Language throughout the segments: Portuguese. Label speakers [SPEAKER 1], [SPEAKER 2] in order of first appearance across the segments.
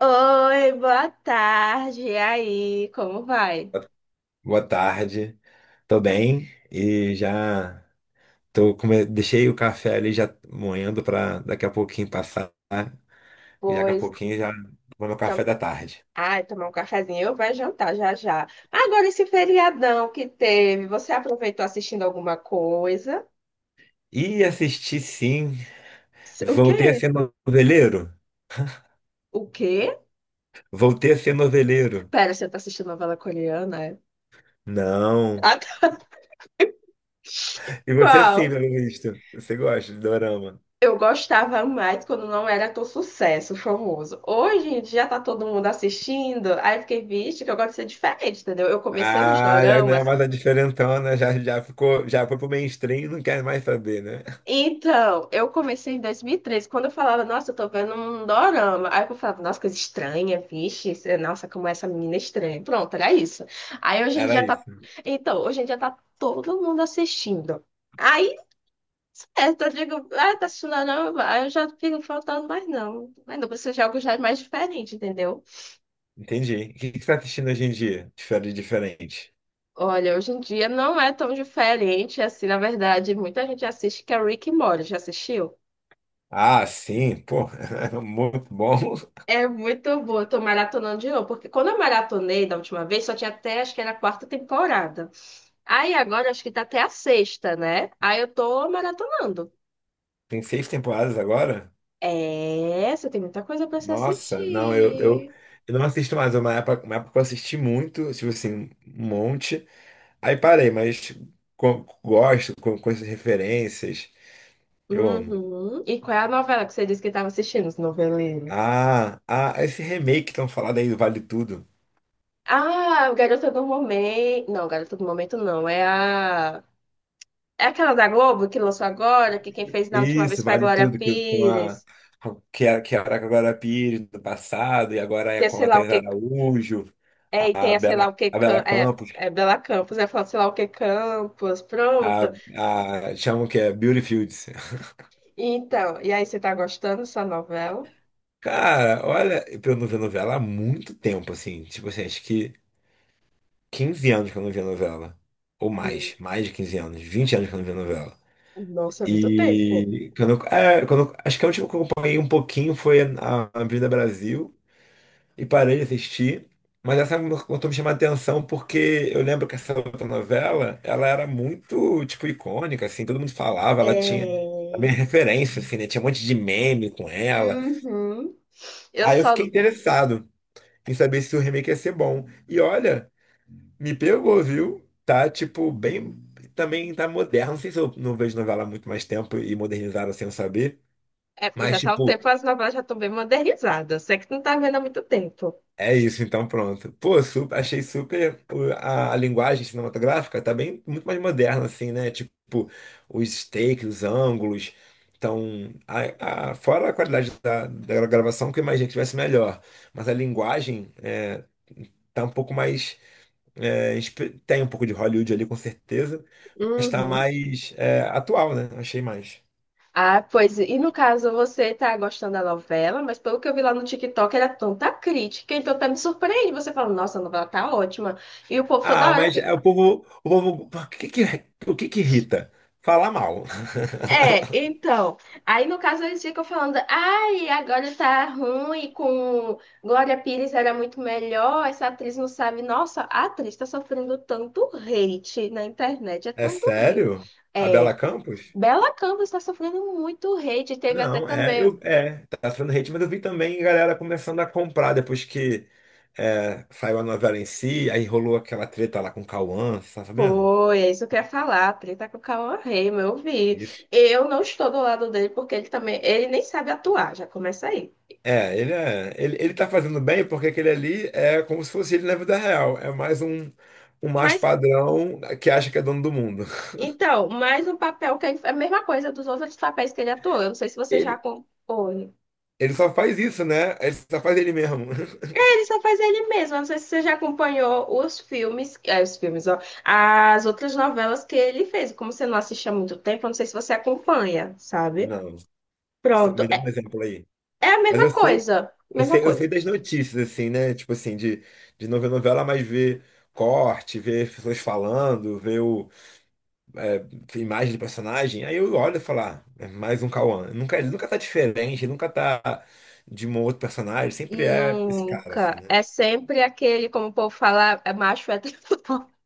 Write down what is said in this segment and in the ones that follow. [SPEAKER 1] Oi, boa tarde. E aí, como vai?
[SPEAKER 2] Boa tarde. Tô bem e já tô come... deixei o café ali já moendo para daqui a pouquinho passar. E daqui a
[SPEAKER 1] Pois,
[SPEAKER 2] pouquinho já vou no
[SPEAKER 1] tom...
[SPEAKER 2] café da tarde.
[SPEAKER 1] ai, tomar um cafezinho, eu vai jantar já já. Agora esse feriadão que teve, você aproveitou assistindo alguma coisa?
[SPEAKER 2] E assisti sim.
[SPEAKER 1] O
[SPEAKER 2] Voltei a
[SPEAKER 1] quê?
[SPEAKER 2] ser noveleiro.
[SPEAKER 1] O quê?
[SPEAKER 2] Voltei a ser noveleiro.
[SPEAKER 1] Pera, você tá assistindo novela coreana? É?
[SPEAKER 2] Não.
[SPEAKER 1] Ah, tá.
[SPEAKER 2] E você sim,
[SPEAKER 1] Qual?
[SPEAKER 2] pelo visto. Você gosta de dorama.
[SPEAKER 1] Eu gostava mais quando não era tão sucesso, famoso. Hoje em dia tá todo mundo assistindo, aí eu fiquei, vixe, que eu gosto de ser diferente, entendeu? Eu comecei nos
[SPEAKER 2] Ah, já não é
[SPEAKER 1] doramas.
[SPEAKER 2] mais a diferentona, já, já ficou, já foi pro mainstream e não quer mais saber, né?
[SPEAKER 1] Então, eu comecei em 2013, quando eu falava, nossa, eu tô vendo um dorama. Aí eu falava, nossa, coisa estranha, vixe, é, nossa, como essa menina é estranha. Pronto, era isso. Aí hoje em
[SPEAKER 2] Era
[SPEAKER 1] dia tá.
[SPEAKER 2] isso.
[SPEAKER 1] Então, hoje em dia tá todo mundo assistindo. Aí, certo, eu digo, ah, tá assistindo não, aí eu já fico faltando, mas não. Mas não, precisa você algo já é mais diferente, entendeu?
[SPEAKER 2] Entendi. O que que você tá assistindo hoje em dia? Diferente, diferente.
[SPEAKER 1] Olha, hoje em dia não é tão diferente assim, na verdade, muita gente assiste que é Rick and Morty, já assistiu?
[SPEAKER 2] Ah, sim, pô, é muito bom.
[SPEAKER 1] É muito boa, eu tô maratonando de novo, porque quando eu maratonei da última vez, só tinha até, acho que era a quarta temporada. Aí agora acho que tá até a sexta, né? Aí eu tô maratonando.
[SPEAKER 2] Tem seis temporadas agora?
[SPEAKER 1] É, você tem muita coisa pra se
[SPEAKER 2] Nossa, não, eu, eu,
[SPEAKER 1] assistir.
[SPEAKER 2] eu não assisto mais. É uma época, uma época eu assisti muito, tipo assim, um monte. Aí parei, mas gosto, com essas referências. Eu amo.
[SPEAKER 1] Uhum. E qual é a novela que você disse que estava assistindo, esse noveleiro?
[SPEAKER 2] Esse remake que estão falando aí do Vale Tudo.
[SPEAKER 1] Ah, o Garota do Momento. Não, Garota do Momento não, é a. É aquela da Globo que lançou agora, que quem fez na última
[SPEAKER 2] Isso,
[SPEAKER 1] vez foi a
[SPEAKER 2] Vale
[SPEAKER 1] Glória
[SPEAKER 2] Tudo, que com a.
[SPEAKER 1] Pires,
[SPEAKER 2] Que era com a Glória Pires do passado, e agora
[SPEAKER 1] que
[SPEAKER 2] é
[SPEAKER 1] é
[SPEAKER 2] com
[SPEAKER 1] sei
[SPEAKER 2] a
[SPEAKER 1] lá o
[SPEAKER 2] Thais
[SPEAKER 1] que.
[SPEAKER 2] Araújo.
[SPEAKER 1] É, e
[SPEAKER 2] a
[SPEAKER 1] tem a sei
[SPEAKER 2] Bela,
[SPEAKER 1] lá o que
[SPEAKER 2] a Bela
[SPEAKER 1] É,
[SPEAKER 2] Campos,
[SPEAKER 1] é Bela Campos, é falar sei lá o que Campos,
[SPEAKER 2] a,
[SPEAKER 1] pronto.
[SPEAKER 2] a chamam que é Beauty Fields.
[SPEAKER 1] Então, e aí você tá gostando dessa novela?
[SPEAKER 2] Cara, olha, pra eu não ver novela há muito tempo, assim. Tipo assim, acho que 15 anos que eu não via novela. Ou
[SPEAKER 1] Hum,
[SPEAKER 2] mais, mais de 15 anos, 20 anos que eu não via novela.
[SPEAKER 1] Nossa, é muito tempo.
[SPEAKER 2] E quando, quando acho que a última que eu acompanhei um pouquinho foi a Avenida Brasil. E parei de assistir. Mas começou a me chamar a atenção porque eu lembro que essa outra novela, ela era muito, tipo, icônica, assim, todo mundo falava, ela tinha também
[SPEAKER 1] É.
[SPEAKER 2] referência, assim, né? Tinha um monte de meme com ela.
[SPEAKER 1] Uhum. Eu
[SPEAKER 2] Aí eu
[SPEAKER 1] só.
[SPEAKER 2] fiquei interessado em saber se o remake ia ser bom. E olha, me pegou, viu? Tá, tipo, bem... Também tá moderno, não sei se eu não vejo novela há muito mais tempo e modernizaram sem eu saber,
[SPEAKER 1] É porque já
[SPEAKER 2] mas,
[SPEAKER 1] tá um
[SPEAKER 2] tipo,
[SPEAKER 1] tempo, as novelas já estão bem modernizadas. Você que não tá vendo há muito tempo.
[SPEAKER 2] é isso, então pronto. Pô, super, achei super pô, a linguagem cinematográfica tá bem muito mais moderna assim, né? Tipo, os takes, os ângulos. Então, fora a qualidade da gravação, que eu imaginei que tivesse melhor, mas a linguagem tá um pouco mais tem um pouco de Hollywood ali com certeza, mas tá
[SPEAKER 1] Uhum.
[SPEAKER 2] mais é, atual, né? Achei mais.
[SPEAKER 1] Ah, pois, e no caso, você tá gostando da novela, mas pelo que eu vi lá no TikTok, era tanta crítica, então tá me surpreendendo. Você fala, nossa, a novela tá ótima. E o povo toda
[SPEAKER 2] Ah,
[SPEAKER 1] hora.
[SPEAKER 2] mas é, o povo, o povo, o que que irrita? Falar mal.
[SPEAKER 1] É, então, aí no caso eles ficam falando, ai, agora tá ruim, com Glória Pires era muito melhor, essa atriz não sabe, nossa, a atriz tá sofrendo tanto hate na internet, é
[SPEAKER 2] É
[SPEAKER 1] tanto hate.
[SPEAKER 2] sério? A Bela
[SPEAKER 1] É,
[SPEAKER 2] Campos?
[SPEAKER 1] Bela Canvas tá sofrendo muito hate, teve até
[SPEAKER 2] Não, é,
[SPEAKER 1] também,
[SPEAKER 2] é, tá sendo hate, mas eu vi também galera começando a comprar depois que é, saiu a novela em si, aí rolou aquela treta lá com o Cauã, você tá sabendo?
[SPEAKER 1] foi, é isso que eu ia falar, a treta com o Cauã Raymond, eu vi.
[SPEAKER 2] Isso.
[SPEAKER 1] Eu não estou do lado dele, porque ele também, ele nem sabe atuar, já começa aí.
[SPEAKER 2] É, ele tá fazendo bem porque aquele ali é como se fosse ele na vida real, é mais um, um macho
[SPEAKER 1] Mas
[SPEAKER 2] padrão que acha que é dono do mundo.
[SPEAKER 1] então, mais um papel que é a mesma coisa dos outros papéis que ele atuou. Eu não sei se você já
[SPEAKER 2] Ele,
[SPEAKER 1] acompanhou.
[SPEAKER 2] Ele só faz isso, né? Ele só faz ele mesmo.
[SPEAKER 1] É, ele só faz ele mesmo. Eu não sei se você já acompanhou os filmes, os filmes, ó, as outras novelas que ele fez. Como você não assiste há muito tempo, eu não sei se você acompanha, sabe?
[SPEAKER 2] Não,
[SPEAKER 1] Pronto.
[SPEAKER 2] me dá um
[SPEAKER 1] É,
[SPEAKER 2] exemplo aí.
[SPEAKER 1] é a
[SPEAKER 2] Mas
[SPEAKER 1] mesma
[SPEAKER 2] eu sei
[SPEAKER 1] coisa. Mesma
[SPEAKER 2] Eu
[SPEAKER 1] coisa.
[SPEAKER 2] sei das notícias, assim, né? Tipo assim, de não ver novela, mas ver corte, ver pessoas falando, é, imagem do personagem. Aí eu olho e falo, ah, é mais um Cauã. Nunca, ele nunca tá diferente, ele nunca tá de um outro personagem. Sempre é esse cara, assim,
[SPEAKER 1] Nunca.
[SPEAKER 2] né?
[SPEAKER 1] É sempre aquele, como o povo fala, é macho hétero.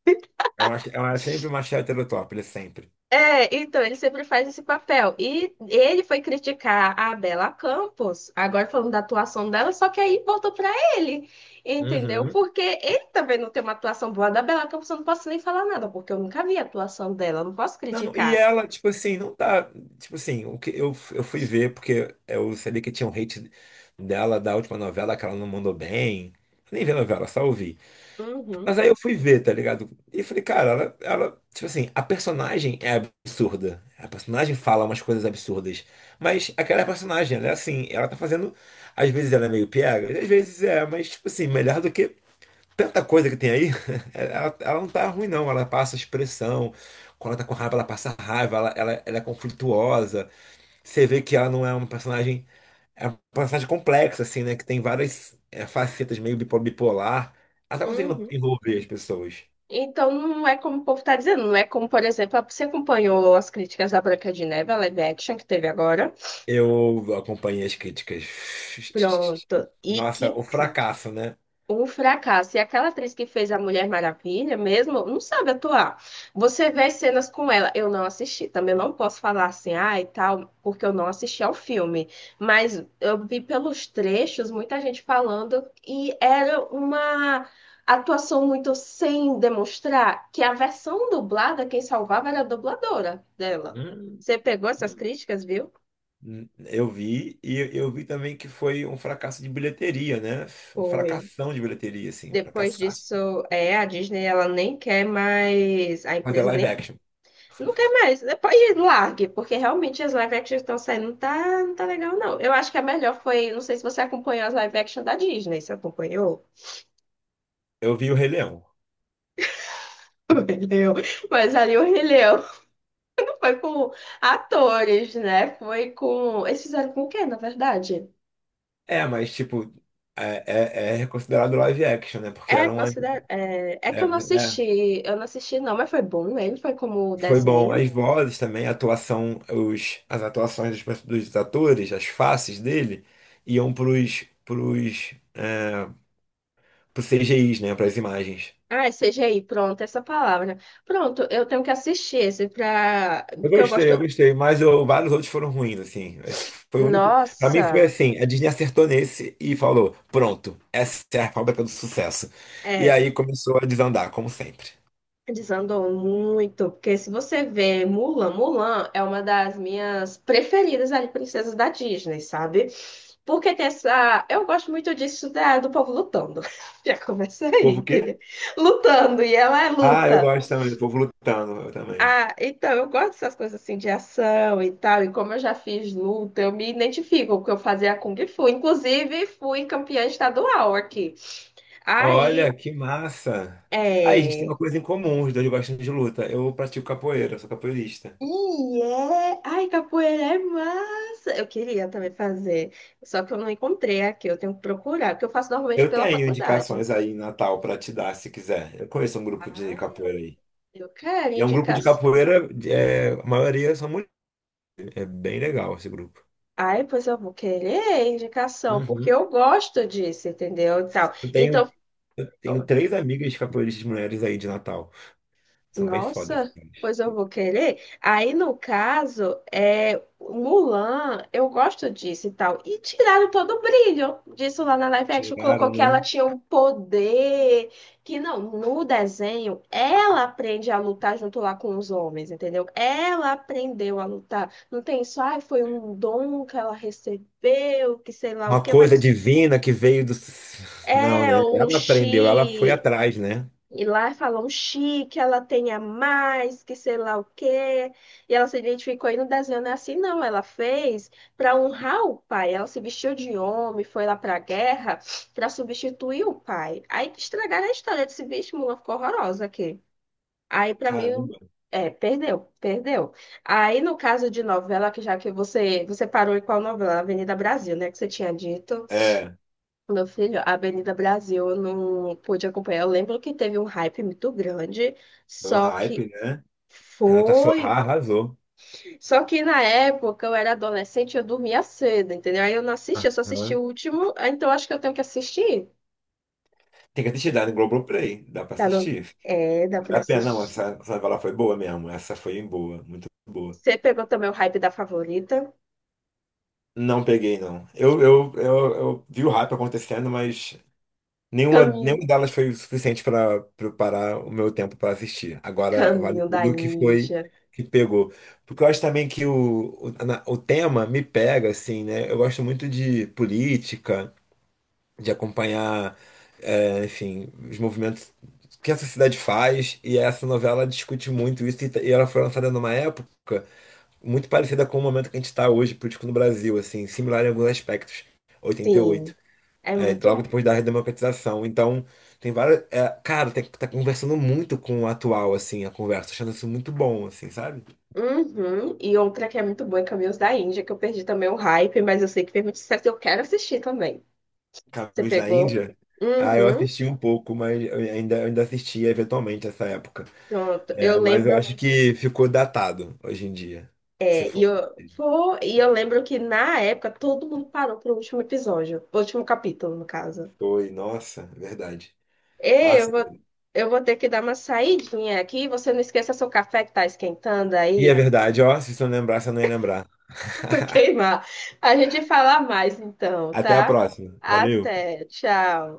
[SPEAKER 2] É, é sempre uma hétero top, ele é sempre.
[SPEAKER 1] É, então, ele sempre faz esse papel. E ele foi criticar a Bela Campos, agora falando da atuação dela, só que aí voltou pra ele, entendeu?
[SPEAKER 2] Uhum.
[SPEAKER 1] Porque ele também não tem uma atuação boa da Bela Campos, eu não posso nem falar nada, porque eu nunca vi a atuação dela, eu não posso
[SPEAKER 2] Não, e
[SPEAKER 1] criticar.
[SPEAKER 2] ela, tipo assim, não tá. Tipo assim, eu fui ver, porque eu sabia que tinha um hate dela da última novela que ela não mandou bem. Eu nem vi a novela, só ouvi. Mas
[SPEAKER 1] Uhum,
[SPEAKER 2] aí eu fui ver, tá ligado? E falei, cara, ela, tipo assim, a personagem é absurda. A personagem fala umas coisas absurdas. Mas aquela personagem, ela é assim, ela tá fazendo. Às vezes ela é meio piega, às vezes é, mas, tipo assim, melhor do que tanta coisa que tem aí. Ela não tá ruim, não. Ela passa expressão. Quando ela tá com raiva, ela passa raiva, ela é conflituosa. Você vê que ela não é uma personagem. É uma personagem complexa, assim, né? Que tem várias é, facetas meio bipolar. Ela tá conseguindo
[SPEAKER 1] uhum.
[SPEAKER 2] envolver as pessoas.
[SPEAKER 1] Então, não é como o povo tá dizendo, não é como, por exemplo, você acompanhou as críticas da Branca de Neve, a live action que teve agora?
[SPEAKER 2] Eu acompanhei as críticas.
[SPEAKER 1] Pronto. E
[SPEAKER 2] Nossa,
[SPEAKER 1] que
[SPEAKER 2] o
[SPEAKER 1] crítica.
[SPEAKER 2] fracasso, né?
[SPEAKER 1] Um fracasso. E aquela atriz que fez a Mulher Maravilha mesmo não sabe atuar. Você vê as cenas com ela. Eu não assisti. Também não posso falar assim, ah, e tal, porque eu não assisti ao filme. Mas eu vi pelos trechos muita gente falando e era uma atuação muito sem demonstrar que a versão dublada, quem salvava era a dubladora dela.
[SPEAKER 2] Hum,
[SPEAKER 1] Você pegou essas críticas, viu?
[SPEAKER 2] Eu vi, e eu vi também que foi um fracasso de bilheteria, né? Um
[SPEAKER 1] Foi.
[SPEAKER 2] fracasção de bilheteria, assim,
[SPEAKER 1] Depois
[SPEAKER 2] fracassaço.
[SPEAKER 1] disso, é, a Disney ela nem quer mais, a
[SPEAKER 2] Mas é
[SPEAKER 1] empresa
[SPEAKER 2] live
[SPEAKER 1] nem.
[SPEAKER 2] action.
[SPEAKER 1] Não quer mais. Depois largue, porque realmente as live action que estão saindo não tá, não tá legal, não. Eu acho que a melhor foi. Não sei se você acompanhou as live action da Disney, você acompanhou?
[SPEAKER 2] Eu vi o Rei Leão.
[SPEAKER 1] O Rei Leão. Mas ali o Rei Leão não foi com atores, né? Foi com. Eles fizeram com o quê, na verdade?
[SPEAKER 2] É, mas, tipo, é, é reconsiderado live action, né? Porque
[SPEAKER 1] É,
[SPEAKER 2] era uma.
[SPEAKER 1] é, é que
[SPEAKER 2] É,
[SPEAKER 1] eu não
[SPEAKER 2] né?
[SPEAKER 1] assisti. Eu não assisti, não, mas foi bom. Né? Ele foi como
[SPEAKER 2] Foi bom.
[SPEAKER 1] desenho.
[SPEAKER 2] As vozes também, a atuação, as atuações dos, dos atores, as faces dele, iam pros CGIs, né? Para as imagens.
[SPEAKER 1] Ah, é CGI, pronto, essa palavra. Pronto, eu tenho que assistir esse pra. Porque eu
[SPEAKER 2] Eu
[SPEAKER 1] gosto.
[SPEAKER 2] gostei, mas vários outros foram ruins, assim. Esse foi o único. Pra mim
[SPEAKER 1] Nossa!
[SPEAKER 2] foi assim, a Disney acertou nesse e falou: pronto, essa é a fábrica do sucesso. E
[SPEAKER 1] É,
[SPEAKER 2] aí começou a desandar, como sempre.
[SPEAKER 1] desandou muito, porque se você vê Mulan, Mulan é uma das minhas preferidas ali, princesas da Disney, sabe? Porque tem essa. Eu gosto muito disso da, do povo lutando. Já começa
[SPEAKER 2] O
[SPEAKER 1] aí,
[SPEAKER 2] povo o
[SPEAKER 1] entendeu?
[SPEAKER 2] quê?
[SPEAKER 1] Lutando, e ela é
[SPEAKER 2] Ah, eu
[SPEAKER 1] luta.
[SPEAKER 2] gosto também, do povo lutando, eu também.
[SPEAKER 1] Ah, então eu gosto dessas coisas assim de ação e tal, e como eu já fiz luta, eu me identifico, porque eu fazia Kung Fu. Inclusive, fui campeã estadual aqui.
[SPEAKER 2] Olha,
[SPEAKER 1] Aí.
[SPEAKER 2] que massa! Aí, a gente tem uma
[SPEAKER 1] É...
[SPEAKER 2] coisa em comum, os dois gostam de luta. Eu pratico capoeira, sou capoeirista.
[SPEAKER 1] E é. Ai, capoeira é massa! Eu queria também fazer, só que eu não encontrei aqui, eu tenho que procurar, porque eu faço normalmente
[SPEAKER 2] Eu
[SPEAKER 1] pela
[SPEAKER 2] tenho
[SPEAKER 1] faculdade.
[SPEAKER 2] indicações aí em Natal para te dar, se quiser. Eu conheço um grupo de
[SPEAKER 1] Ai,
[SPEAKER 2] capoeira aí.
[SPEAKER 1] eu quero
[SPEAKER 2] E é um grupo de
[SPEAKER 1] indicação.
[SPEAKER 2] capoeira, é, a maioria são mulheres. É bem legal esse grupo.
[SPEAKER 1] Ai, pois eu vou querer indicação, porque
[SPEAKER 2] Uhum.
[SPEAKER 1] eu gosto disso, entendeu? E tal.
[SPEAKER 2] Eu tenho,
[SPEAKER 1] Então.
[SPEAKER 2] eu tenho três amigas capoeiristas mulheres aí de Natal. São bem fodas. Essas
[SPEAKER 1] Nossa,
[SPEAKER 2] mulheres.
[SPEAKER 1] pois eu vou querer. Aí, no caso, é, Mulan, eu gosto disso e tal. E tiraram todo o brilho disso lá na live action. Colocou
[SPEAKER 2] Tiraram,
[SPEAKER 1] que ela
[SPEAKER 2] né?
[SPEAKER 1] tinha um poder. Que não, no desenho, ela aprende a lutar junto lá com os homens, entendeu? Ela aprendeu a lutar. Não tem só, ai, foi um dom que ela recebeu, que sei lá o
[SPEAKER 2] Uma
[SPEAKER 1] quê,
[SPEAKER 2] coisa
[SPEAKER 1] mas.
[SPEAKER 2] divina que veio do. Não,
[SPEAKER 1] É
[SPEAKER 2] né?
[SPEAKER 1] um
[SPEAKER 2] Ela aprendeu, ela foi
[SPEAKER 1] chi,
[SPEAKER 2] atrás, né?
[SPEAKER 1] e lá falam chique, que ela tem a mais, que sei lá o quê. E ela se identificou e no desenho não é assim, não. Ela fez para honrar o pai. Ela se vestiu de homem, foi lá para a guerra para substituir o pai. Aí estragaram a história desse bicho, Mulan ficou horrorosa aqui. Aí para mim,
[SPEAKER 2] Caramba.
[SPEAKER 1] é, perdeu, perdeu. Aí no caso de novela, que já que você, você parou em qual novela? Avenida Brasil, né? Que você tinha dito.
[SPEAKER 2] É.
[SPEAKER 1] Meu filho, a Avenida Brasil, eu não pude acompanhar. Eu lembro que teve um hype muito grande,
[SPEAKER 2] É um
[SPEAKER 1] só que
[SPEAKER 2] hype, né? Renata
[SPEAKER 1] foi.
[SPEAKER 2] Sorrah arrasou.
[SPEAKER 1] Só que na época eu era adolescente, eu dormia cedo, entendeu? Aí eu não assisti, eu só assisti
[SPEAKER 2] Aham.
[SPEAKER 1] o último, ah, então acho que eu tenho que assistir.
[SPEAKER 2] Tem que assistir, dá no Globoplay, dá pra
[SPEAKER 1] Tá no...
[SPEAKER 2] assistir.
[SPEAKER 1] É, dá
[SPEAKER 2] Vale
[SPEAKER 1] pra
[SPEAKER 2] a pena, não,
[SPEAKER 1] assistir.
[SPEAKER 2] essa novela foi boa mesmo, essa foi boa, muito boa.
[SPEAKER 1] Você pegou também o hype da favorita?
[SPEAKER 2] Não peguei, não. Eu, eu vi o hype acontecendo, mas
[SPEAKER 1] Caminho,
[SPEAKER 2] nenhuma delas foi o suficiente para preparar o meu tempo para assistir. Agora vale
[SPEAKER 1] Caminho da
[SPEAKER 2] tudo o que foi
[SPEAKER 1] Índia.
[SPEAKER 2] que pegou. Porque eu acho também que o tema me pega, assim, né? Eu gosto muito de política, de acompanhar, é, enfim, os movimentos que a sociedade faz, e essa novela discute muito isso, e ela foi lançada numa época muito parecida com o momento que a gente está hoje, político no Brasil, assim, similar em alguns aspectos,
[SPEAKER 1] Sim.
[SPEAKER 2] 88,
[SPEAKER 1] É
[SPEAKER 2] é, logo
[SPEAKER 1] muito.
[SPEAKER 2] depois da redemocratização, então tem várias, é, cara, tem, tá conversando muito com o atual, assim, a conversa, achando isso muito bom, assim, sabe?
[SPEAKER 1] Uhum. E outra que é muito boa é Caminhos da Índia, que eu perdi também o hype, mas eu sei que fez muito sucesso e eu quero assistir também. Você
[SPEAKER 2] Caminhos da
[SPEAKER 1] pegou?
[SPEAKER 2] Índia, ah, eu
[SPEAKER 1] Uhum.
[SPEAKER 2] assisti um pouco, mas eu ainda assistia eventualmente essa época.
[SPEAKER 1] Pronto. Eu
[SPEAKER 2] É, mas eu
[SPEAKER 1] lembro.
[SPEAKER 2] acho que ficou datado hoje em dia. Você
[SPEAKER 1] É, e
[SPEAKER 2] for.
[SPEAKER 1] eu, foi, e eu lembro que na época todo mundo parou pro último episódio. Último capítulo, no caso.
[SPEAKER 2] Foi, nossa, verdade.
[SPEAKER 1] Ei,
[SPEAKER 2] Nossa.
[SPEAKER 1] eu vou ter que dar uma saidinha aqui. Você não esqueça seu café que tá esquentando
[SPEAKER 2] E é
[SPEAKER 1] aí.
[SPEAKER 2] verdade, ó. Se você não lembrasse, eu não ia lembrar.
[SPEAKER 1] Vai queimar. A gente fala mais então,
[SPEAKER 2] Até a
[SPEAKER 1] tá?
[SPEAKER 2] próxima. Valeu.
[SPEAKER 1] Até. Tchau.